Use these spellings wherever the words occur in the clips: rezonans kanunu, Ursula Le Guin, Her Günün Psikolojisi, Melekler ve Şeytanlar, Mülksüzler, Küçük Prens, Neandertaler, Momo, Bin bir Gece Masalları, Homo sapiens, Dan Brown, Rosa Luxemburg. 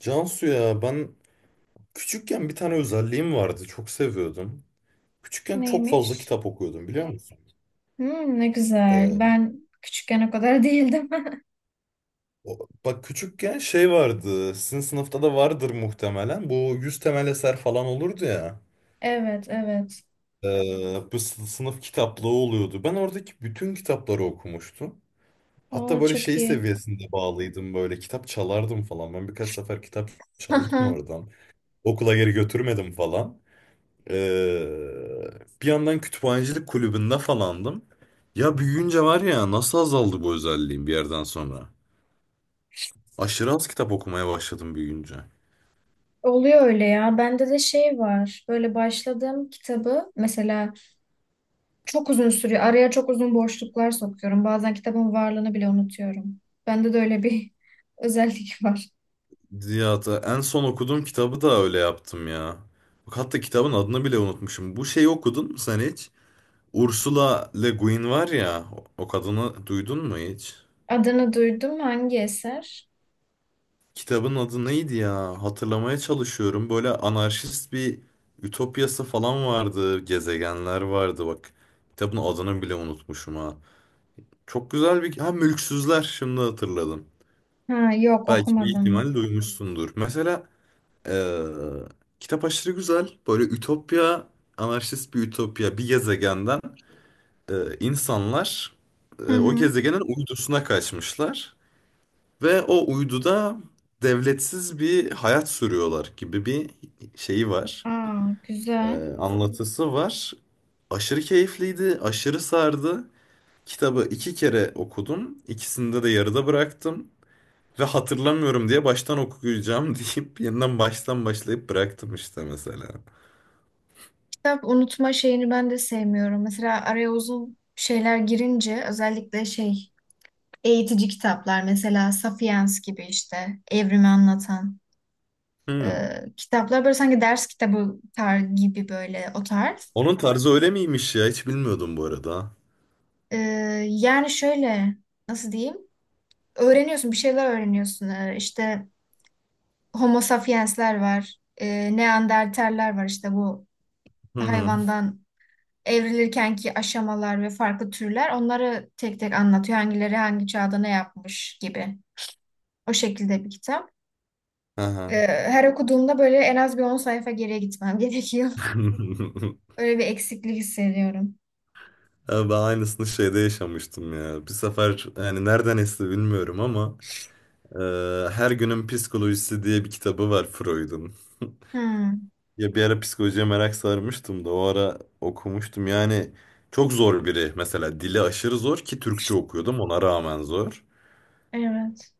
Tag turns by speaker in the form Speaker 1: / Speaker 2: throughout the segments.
Speaker 1: Cansu ya ben küçükken bir tane özelliğim vardı. Çok seviyordum. Küçükken çok fazla
Speaker 2: Neymiş?
Speaker 1: kitap okuyordum biliyor musun?
Speaker 2: Hmm, ne güzel.
Speaker 1: Ee,
Speaker 2: Ben küçükken o kadar değildim.
Speaker 1: Bak küçükken şey vardı. Sizin sınıfta da vardır muhtemelen. Bu 100 temel eser falan olurdu ya.
Speaker 2: Evet, evet.
Speaker 1: Bu sınıf kitaplığı oluyordu. Ben oradaki bütün kitapları okumuştum. Hatta
Speaker 2: Aa,
Speaker 1: böyle
Speaker 2: çok
Speaker 1: şey
Speaker 2: iyi.
Speaker 1: seviyesinde bağlıydım, böyle kitap çalardım falan. Ben birkaç sefer kitap çaldım
Speaker 2: Haha.
Speaker 1: oradan. Okula geri götürmedim falan. Ee, Bir yandan kütüphanecilik kulübünde falandım. Ya büyüyünce var ya, nasıl azaldı bu özelliğim bir yerden sonra. Aşırı az kitap okumaya başladım büyüyünce.
Speaker 2: Oluyor öyle ya. Bende de şey var. Böyle başladığım kitabı mesela çok uzun sürüyor. Araya çok uzun boşluklar sokuyorum. Bazen kitabın varlığını bile unutuyorum. Bende de öyle bir özellik var.
Speaker 1: Ya da en son okuduğum kitabı da öyle yaptım ya. Bak hatta kitabın adını bile unutmuşum. Bu şeyi okudun mu sen hiç? Ursula Le Guin var ya, o kadını duydun mu hiç?
Speaker 2: Adını duydum. Hangi eser?
Speaker 1: Kitabın adı neydi ya? Hatırlamaya çalışıyorum. Böyle anarşist bir ütopyası falan vardı. Gezegenler vardı bak. Kitabın adını bile unutmuşum ha. Çok güzel bir... Ha, Mülksüzler, şimdi hatırladım.
Speaker 2: Ha, yok
Speaker 1: Belki bir
Speaker 2: okumadım.
Speaker 1: ihtimal duymuşsundur. Mesela eee, kitap aşırı güzel. Böyle ütopya, anarşist bir ütopya. Bir gezegenden insanlar
Speaker 2: Hı
Speaker 1: o
Speaker 2: hı.
Speaker 1: gezegenin uydusuna kaçmışlar. Ve o uyduda devletsiz bir hayat sürüyorlar gibi bir şeyi var.
Speaker 2: Aa, güzel.
Speaker 1: Anlatısı var. Aşırı keyifliydi, aşırı sardı. Kitabı iki kere okudum. İkisinde de yarıda bıraktım. Ve hatırlamıyorum diye baştan okuyacağım deyip yeniden baştan başlayıp bıraktım işte mesela.
Speaker 2: Kitap unutma şeyini ben de sevmiyorum. Mesela araya uzun şeyler girince özellikle şey eğitici kitaplar mesela Sapiens gibi işte evrimi anlatan
Speaker 1: Hmm.
Speaker 2: e, kitaplar böyle sanki ders kitabı tar gibi böyle o tarz.
Speaker 1: Onun tarzı öyle miymiş ya? Hiç bilmiyordum bu arada.
Speaker 2: E, yani şöyle nasıl diyeyim? Öğreniyorsun bir şeyler öğreniyorsun. İşte Homo sapiensler var. Neandertaller var işte bu
Speaker 1: Hı hı.
Speaker 2: hayvandan evrilirkenki aşamalar ve farklı türler onları tek tek anlatıyor. Hangileri hangi çağda ne yapmış gibi. O şekilde bir kitap.
Speaker 1: Aha.
Speaker 2: Her okuduğumda böyle en az bir 10 sayfa geriye gitmem gerekiyor. Öyle bir eksiklik hissediyorum.
Speaker 1: Ya, ben aynısını şeyde yaşamıştım ya. Bir sefer yani nereden esti bilmiyorum ama e, Her Günün Psikolojisi diye bir kitabı var Freud'un.
Speaker 2: Hmm,
Speaker 1: Ya bir ara psikolojiye merak sarmıştım da o ara okumuştum. Yani çok zor biri, mesela dili aşırı zor, ki Türkçe okuyordum ona rağmen zor.
Speaker 2: evet.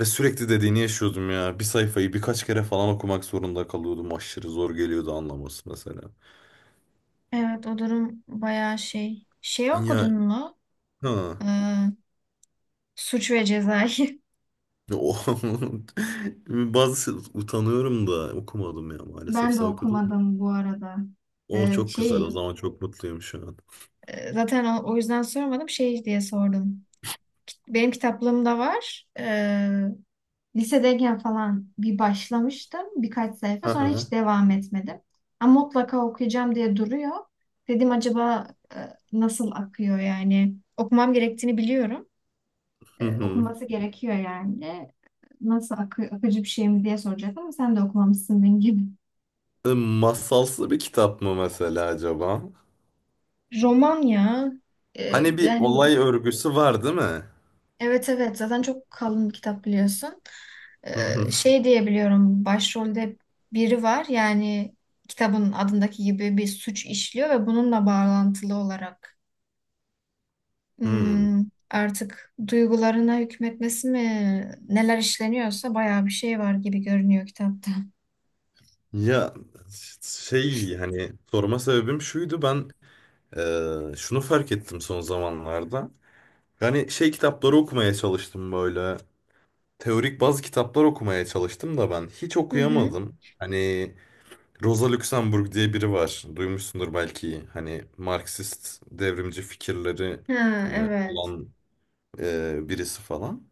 Speaker 1: Ve sürekli dediğini yaşıyordum ya. Bir sayfayı birkaç kere falan okumak zorunda kalıyordum. Aşırı zor geliyordu anlaması mesela.
Speaker 2: Evet o durum bayağı şey. Şey
Speaker 1: Ya,
Speaker 2: okudun mu?
Speaker 1: ha.
Speaker 2: Ee, Suç ve Ceza'yı.
Speaker 1: O- Bazı utanıyorum da okumadım ya maalesef.
Speaker 2: Ben de
Speaker 1: Sen okudun mu?
Speaker 2: okumadım bu arada.
Speaker 1: O
Speaker 2: Ee,
Speaker 1: çok güzel. O
Speaker 2: şey
Speaker 1: zaman çok mutluyum şu an.
Speaker 2: zaten o yüzden sormadım şey diye sordum. Benim kitaplığımda var. Lisedeyken falan bir başlamıştım birkaç sayfa
Speaker 1: Hı
Speaker 2: sonra
Speaker 1: hı.
Speaker 2: hiç devam etmedim. Ama mutlaka okuyacağım diye duruyor. Dedim acaba e, nasıl akıyor yani? Okumam gerektiğini biliyorum.
Speaker 1: Hı hı.
Speaker 2: Okunması gerekiyor yani. Akıcı bir şey mi diye soracaktım ama sen de okumamışsın benim gibi.
Speaker 1: E, masalsı bir kitap mı mesela acaba?
Speaker 2: Roman ya. E,
Speaker 1: Hani bir
Speaker 2: yani
Speaker 1: olay örgüsü var değil mi?
Speaker 2: Evet evet zaten çok kalın bir kitap biliyorsun.
Speaker 1: Hı hı.
Speaker 2: Şey diyebiliyorum başrolde biri var yani kitabın adındaki gibi bir suç işliyor ve bununla bağlantılı olarak
Speaker 1: Hmm.
Speaker 2: hmm, artık duygularına hükmetmesi mi neler işleniyorsa bayağı bir şey var gibi görünüyor kitapta.
Speaker 1: Ya şey, hani sorma sebebim şuydu, ben şunu fark ettim son zamanlarda. Yani şey kitapları okumaya çalıştım, böyle teorik bazı kitaplar okumaya çalıştım da ben hiç
Speaker 2: Hı hı.
Speaker 1: okuyamadım. Hani Rosa Luxemburg diye biri var. Duymuşsundur belki. Hani Marksist devrimci fikirleri
Speaker 2: Ha, evet.
Speaker 1: olan birisi falan.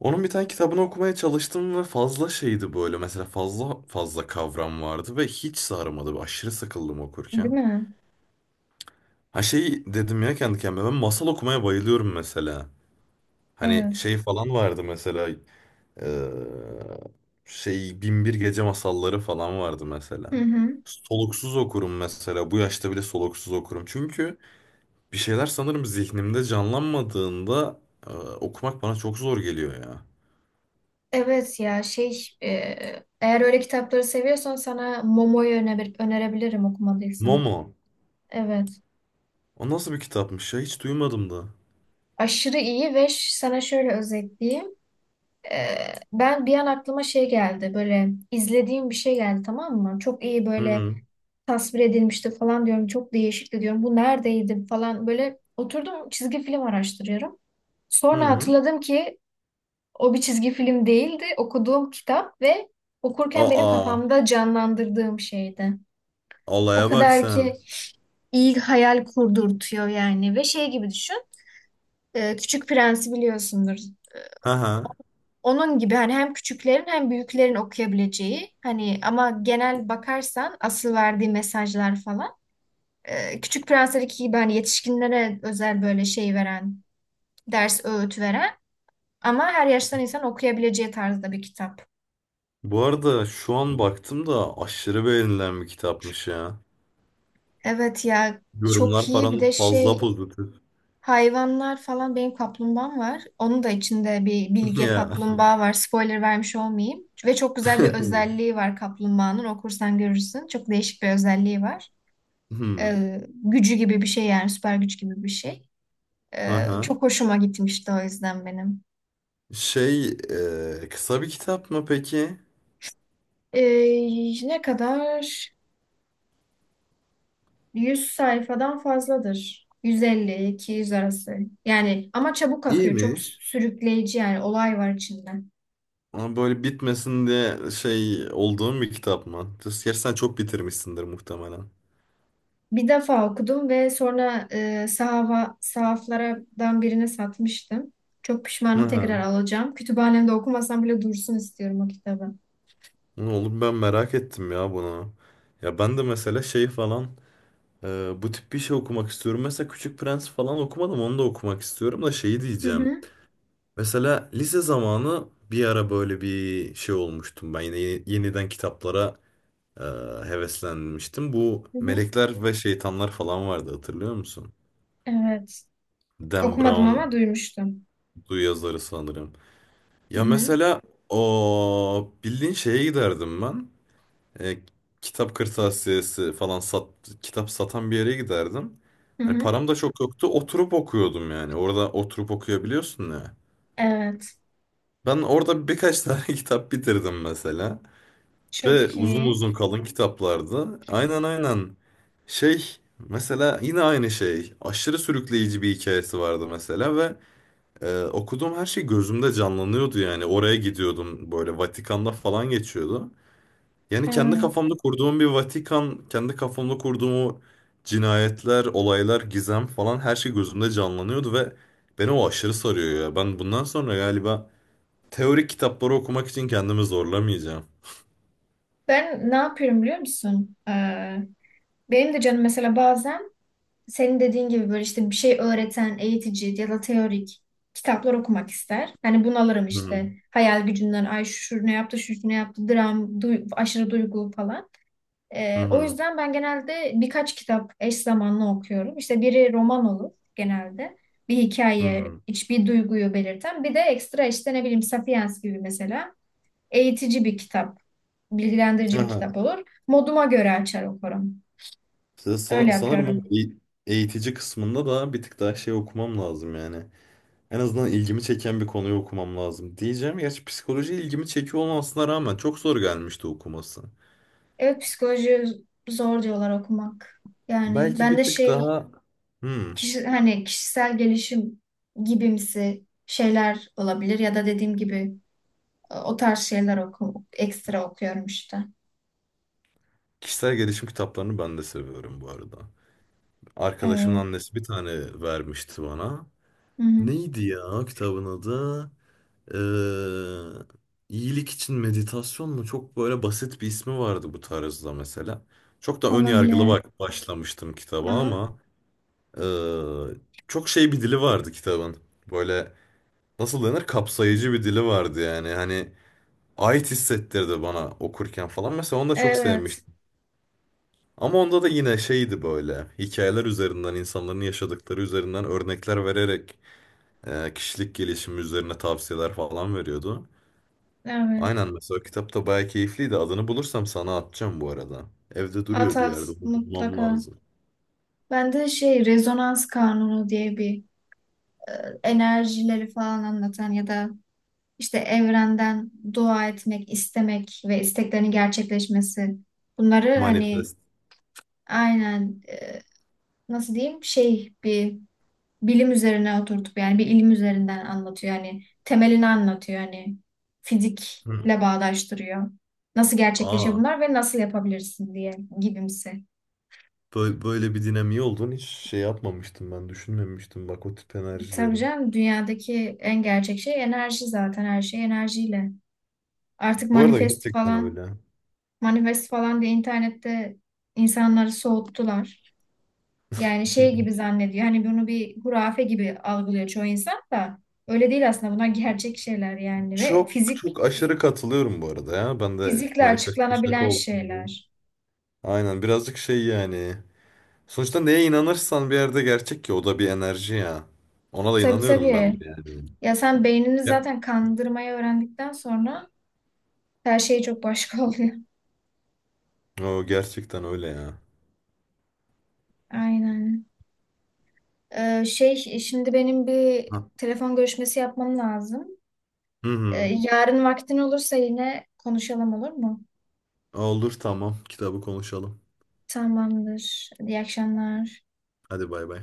Speaker 1: Onun bir tane kitabını okumaya çalıştım ve fazla şeydi böyle. Mesela fazla fazla kavram vardı ve hiç sarmadı. Aşırı sıkıldım okurken.
Speaker 2: Değil mi?
Speaker 1: Ha şey dedim ya kendi kendime, ben masal okumaya bayılıyorum mesela. Hani
Speaker 2: Evet.
Speaker 1: şey falan vardı mesela. Ee, Şey, Bin bir Gece Masalları falan vardı mesela.
Speaker 2: Hı hı.
Speaker 1: Soluksuz okurum mesela. Bu yaşta bile soluksuz okurum. Çünkü bir şeyler sanırım zihnimde canlanmadığında okumak bana çok zor geliyor ya.
Speaker 2: Evet ya, eğer öyle kitapları seviyorsan sana Momo'yu önerebilirim okumadıysan.
Speaker 1: Momo.
Speaker 2: Evet.
Speaker 1: O nasıl bir kitapmış ya? Hiç duymadım da.
Speaker 2: Aşırı iyi ve sana şöyle özetleyeyim. Ee, ben bir an aklıma şey geldi böyle izlediğim bir şey geldi tamam mı? Çok iyi
Speaker 1: Hı
Speaker 2: böyle
Speaker 1: hı.
Speaker 2: tasvir edilmişti falan diyorum. Çok değişikti diyorum. Bu neredeydi falan böyle oturdum çizgi film araştırıyorum.
Speaker 1: Hı
Speaker 2: Sonra
Speaker 1: hı.
Speaker 2: hatırladım ki o bir çizgi film değildi. Okuduğum kitap ve okurken benim
Speaker 1: Aa.
Speaker 2: kafamda canlandırdığım şeydi. O
Speaker 1: Olaya bak
Speaker 2: kadar ki
Speaker 1: sen.
Speaker 2: iyi hayal kurdurtuyor yani ve şey gibi düşün. Küçük Prens'i biliyorsundur.
Speaker 1: Hı hı.
Speaker 2: Onun gibi hani hem küçüklerin hem büyüklerin okuyabileceği hani ama genel bakarsan asıl verdiği mesajlar falan Küçük Prensler'deki gibi hani yetişkinlere özel böyle şey veren, ders öğüt veren ama her yaştan insan okuyabileceği tarzda bir kitap.
Speaker 1: Bu arada şu an baktım da aşırı beğenilen bir kitapmış ya.
Speaker 2: Evet ya çok
Speaker 1: Yorumlar
Speaker 2: iyi bir
Speaker 1: falan
Speaker 2: de
Speaker 1: fazla
Speaker 2: şey
Speaker 1: pozitif.
Speaker 2: hayvanlar falan benim kaplumbağam var. Onun da içinde bir bilge
Speaker 1: Ya.
Speaker 2: kaplumbağa var. Spoiler vermiş olmayayım. Ve çok güzel bir özelliği var kaplumbağanın. Okursan görürsün. Çok değişik bir özelliği var.
Speaker 1: Hmm.
Speaker 2: Gücü gibi bir şey yani süper güç gibi bir şey.
Speaker 1: Aha.
Speaker 2: Çok hoşuma gitmişti o yüzden benim.
Speaker 1: Şey, kısa bir kitap mı peki?
Speaker 2: Ne kadar? 100 sayfadan fazladır. 150 yüz arası. Yani ama çabuk akıyor. Çok
Speaker 1: İyiymiş.
Speaker 2: sürükleyici yani olay var içinde.
Speaker 1: Ama böyle bitmesin diye şey olduğum bir kitap mı? Gerçi sen çok bitirmişsindir muhtemelen.
Speaker 2: Bir defa okudum ve sonra sahaflardan birine satmıştım. Çok pişmanım tekrar
Speaker 1: Aha.
Speaker 2: alacağım. Kütüphanemde okumasam bile dursun istiyorum o kitabı.
Speaker 1: Oğlum, ben merak ettim ya bunu. Ya ben de mesela şey falan, bu tip bir şey okumak istiyorum. Mesela Küçük Prens falan okumadım, onu da okumak istiyorum da şeyi
Speaker 2: Hı
Speaker 1: diyeceğim.
Speaker 2: hı.
Speaker 1: Mesela lise zamanı bir ara böyle bir şey olmuştum ben, yine yeniden kitaplara e, heveslenmiştim. Bu
Speaker 2: Hı hı.
Speaker 1: Melekler ve Şeytanlar falan vardı, hatırlıyor musun?
Speaker 2: Evet.
Speaker 1: Dan
Speaker 2: Okumadım
Speaker 1: Brown
Speaker 2: ama duymuştum.
Speaker 1: du yazarı sanırım.
Speaker 2: Hı
Speaker 1: Ya
Speaker 2: hı.
Speaker 1: mesela o bildiğin şeye giderdim ben. E, Kitap kırtasiyesi falan sat, kitap satan bir yere giderdim.
Speaker 2: Hı
Speaker 1: Hani
Speaker 2: hı.
Speaker 1: param da çok yoktu. Oturup okuyordum yani. Orada oturup okuyabiliyorsun ya.
Speaker 2: Evet.
Speaker 1: Ben orada birkaç tane kitap bitirdim mesela. Ve
Speaker 2: Çok
Speaker 1: uzun
Speaker 2: iyi.
Speaker 1: uzun kalın kitaplarda. Aynen aynen. Şey mesela yine aynı şey. Aşırı sürükleyici bir hikayesi vardı mesela ve okuduğum her şey gözümde canlanıyordu yani. Oraya gidiyordum, böyle Vatikan'da falan geçiyordu. Yani kendi
Speaker 2: Evet.
Speaker 1: kafamda kurduğum bir Vatikan, kendi kafamda kurduğum o cinayetler, olaylar, gizem falan, her şey gözümde canlanıyordu ve beni o aşırı sarıyor ya. Ben bundan sonra galiba teorik kitapları okumak için kendimi zorlamayacağım.
Speaker 2: Ben ne yapıyorum biliyor musun? Benim de canım mesela bazen senin dediğin gibi böyle işte bir şey öğreten, eğitici ya da teorik kitaplar okumak ister. Hani bunalırım
Speaker 1: Hı hı
Speaker 2: işte. Hayal gücünden ay şu ne yaptı, şu ne yaptı, dram, aşırı duygu falan. O
Speaker 1: hı.
Speaker 2: yüzden ben genelde birkaç kitap eş zamanlı okuyorum. İşte biri roman olur genelde. Bir
Speaker 1: Hı. Hı
Speaker 2: hikaye,
Speaker 1: hı.
Speaker 2: hiçbir duyguyu belirten. Bir de ekstra işte ne bileyim Sapiens gibi mesela. Eğitici bir kitap, bilgilendirici bir
Speaker 1: Aha.
Speaker 2: kitap olur. Moduma göre açar okurum.
Speaker 1: Size san-
Speaker 2: Öyle
Speaker 1: Sanırım o
Speaker 2: yapıyorum.
Speaker 1: eğitici kısmında da bir tık daha şey okumam lazım yani. En azından ilgimi çeken bir konuyu okumam lazım diyeceğim. Gerçi psikoloji ilgimi çekiyor olmasına rağmen çok zor gelmişti okuması.
Speaker 2: Evet psikoloji zor diyorlar okumak. Yani
Speaker 1: Belki
Speaker 2: ben
Speaker 1: bir
Speaker 2: de
Speaker 1: tık
Speaker 2: şey
Speaker 1: daha hmm,
Speaker 2: kişi, hani kişisel gelişim gibimsi şeyler olabilir ya da dediğim gibi o tarz şeyler ekstra okuyorum işte.
Speaker 1: kişisel gelişim kitaplarını ben de seviyorum bu arada. Arkadaşımın
Speaker 2: Evet.
Speaker 1: annesi bir tane vermişti bana.
Speaker 2: Hı hı.
Speaker 1: Neydi ya kitabın adı? Eee iyilik için meditasyon mu? Çok böyle basit bir ismi vardı bu tarzda mesela. Çok da ön yargılı
Speaker 2: Olabilir.
Speaker 1: bak başlamıştım kitaba,
Speaker 2: Aha.
Speaker 1: ama eee, çok şey bir dili vardı kitabın. Böyle nasıl denir? Kapsayıcı bir dili vardı yani. Hani ait hissettirdi bana okurken falan. Mesela onu da çok
Speaker 2: Evet.
Speaker 1: sevmiştim. Ama onda da yine şeydi, böyle hikayeler üzerinden, insanların yaşadıkları üzerinden örnekler vererek kişilik gelişimi üzerine tavsiyeler falan veriyordu.
Speaker 2: Evet.
Speaker 1: Aynen, mesela kitap da bayağı keyifliydi. Adını bulursam sana atacağım bu arada. Evde
Speaker 2: At
Speaker 1: duruyor bir
Speaker 2: at
Speaker 1: yerde. Bunu bulmam
Speaker 2: mutlaka.
Speaker 1: lazım.
Speaker 2: Ben de şey rezonans kanunu diye bir enerjileri falan anlatan ya da İşte evrenden dua etmek, istemek ve isteklerin gerçekleşmesi. Bunları hani
Speaker 1: Manifest.
Speaker 2: aynen nasıl diyeyim şey bir bilim üzerine oturtup yani bir ilim üzerinden anlatıyor. Yani temelini anlatıyor. Yani
Speaker 1: Hı.
Speaker 2: fizikle bağdaştırıyor. Nasıl gerçekleşiyor
Speaker 1: Aa,
Speaker 2: bunlar ve nasıl yapabilirsin diye gibimsi.
Speaker 1: böyle bir dinamiği olduğunu hiç şey yapmamıştım ben. Düşünmemiştim bak o tip
Speaker 2: E, tabii
Speaker 1: enerjilerin.
Speaker 2: canım dünyadaki en gerçek şey enerji zaten her şey enerjiyle. Artık
Speaker 1: Bu arada
Speaker 2: manifest
Speaker 1: gerçekten
Speaker 2: falan
Speaker 1: öyle.
Speaker 2: manifest falan diye internette insanları soğuttular. Yani şey gibi zannediyor. Hani bunu bir hurafe gibi algılıyor çoğu insan da. Öyle değil aslında. Bunlar gerçek şeyler yani ve
Speaker 1: Çok çok aşırı katılıyorum bu arada ya. Ben de
Speaker 2: fizikle
Speaker 1: manifeste şaka
Speaker 2: açıklanabilen
Speaker 1: olsun diye.
Speaker 2: şeyler.
Speaker 1: Aynen, birazcık şey yani. Sonuçta neye inanırsan bir yerde gerçek, ki o da bir enerji ya. Ona da
Speaker 2: Tabii
Speaker 1: inanıyorum ben
Speaker 2: tabii.
Speaker 1: de yani.
Speaker 2: Ya sen beynini
Speaker 1: Ya.
Speaker 2: zaten kandırmayı öğrendikten sonra her şey çok başka oluyor.
Speaker 1: O gerçekten öyle ya.
Speaker 2: Aynen. Şimdi benim bir telefon görüşmesi yapmam lazım.
Speaker 1: Hı hı.
Speaker 2: Yarın vaktin olursa yine konuşalım olur mu?
Speaker 1: Olur, tamam. Kitabı konuşalım.
Speaker 2: Tamamdır. İyi akşamlar.
Speaker 1: Hadi, bay bay.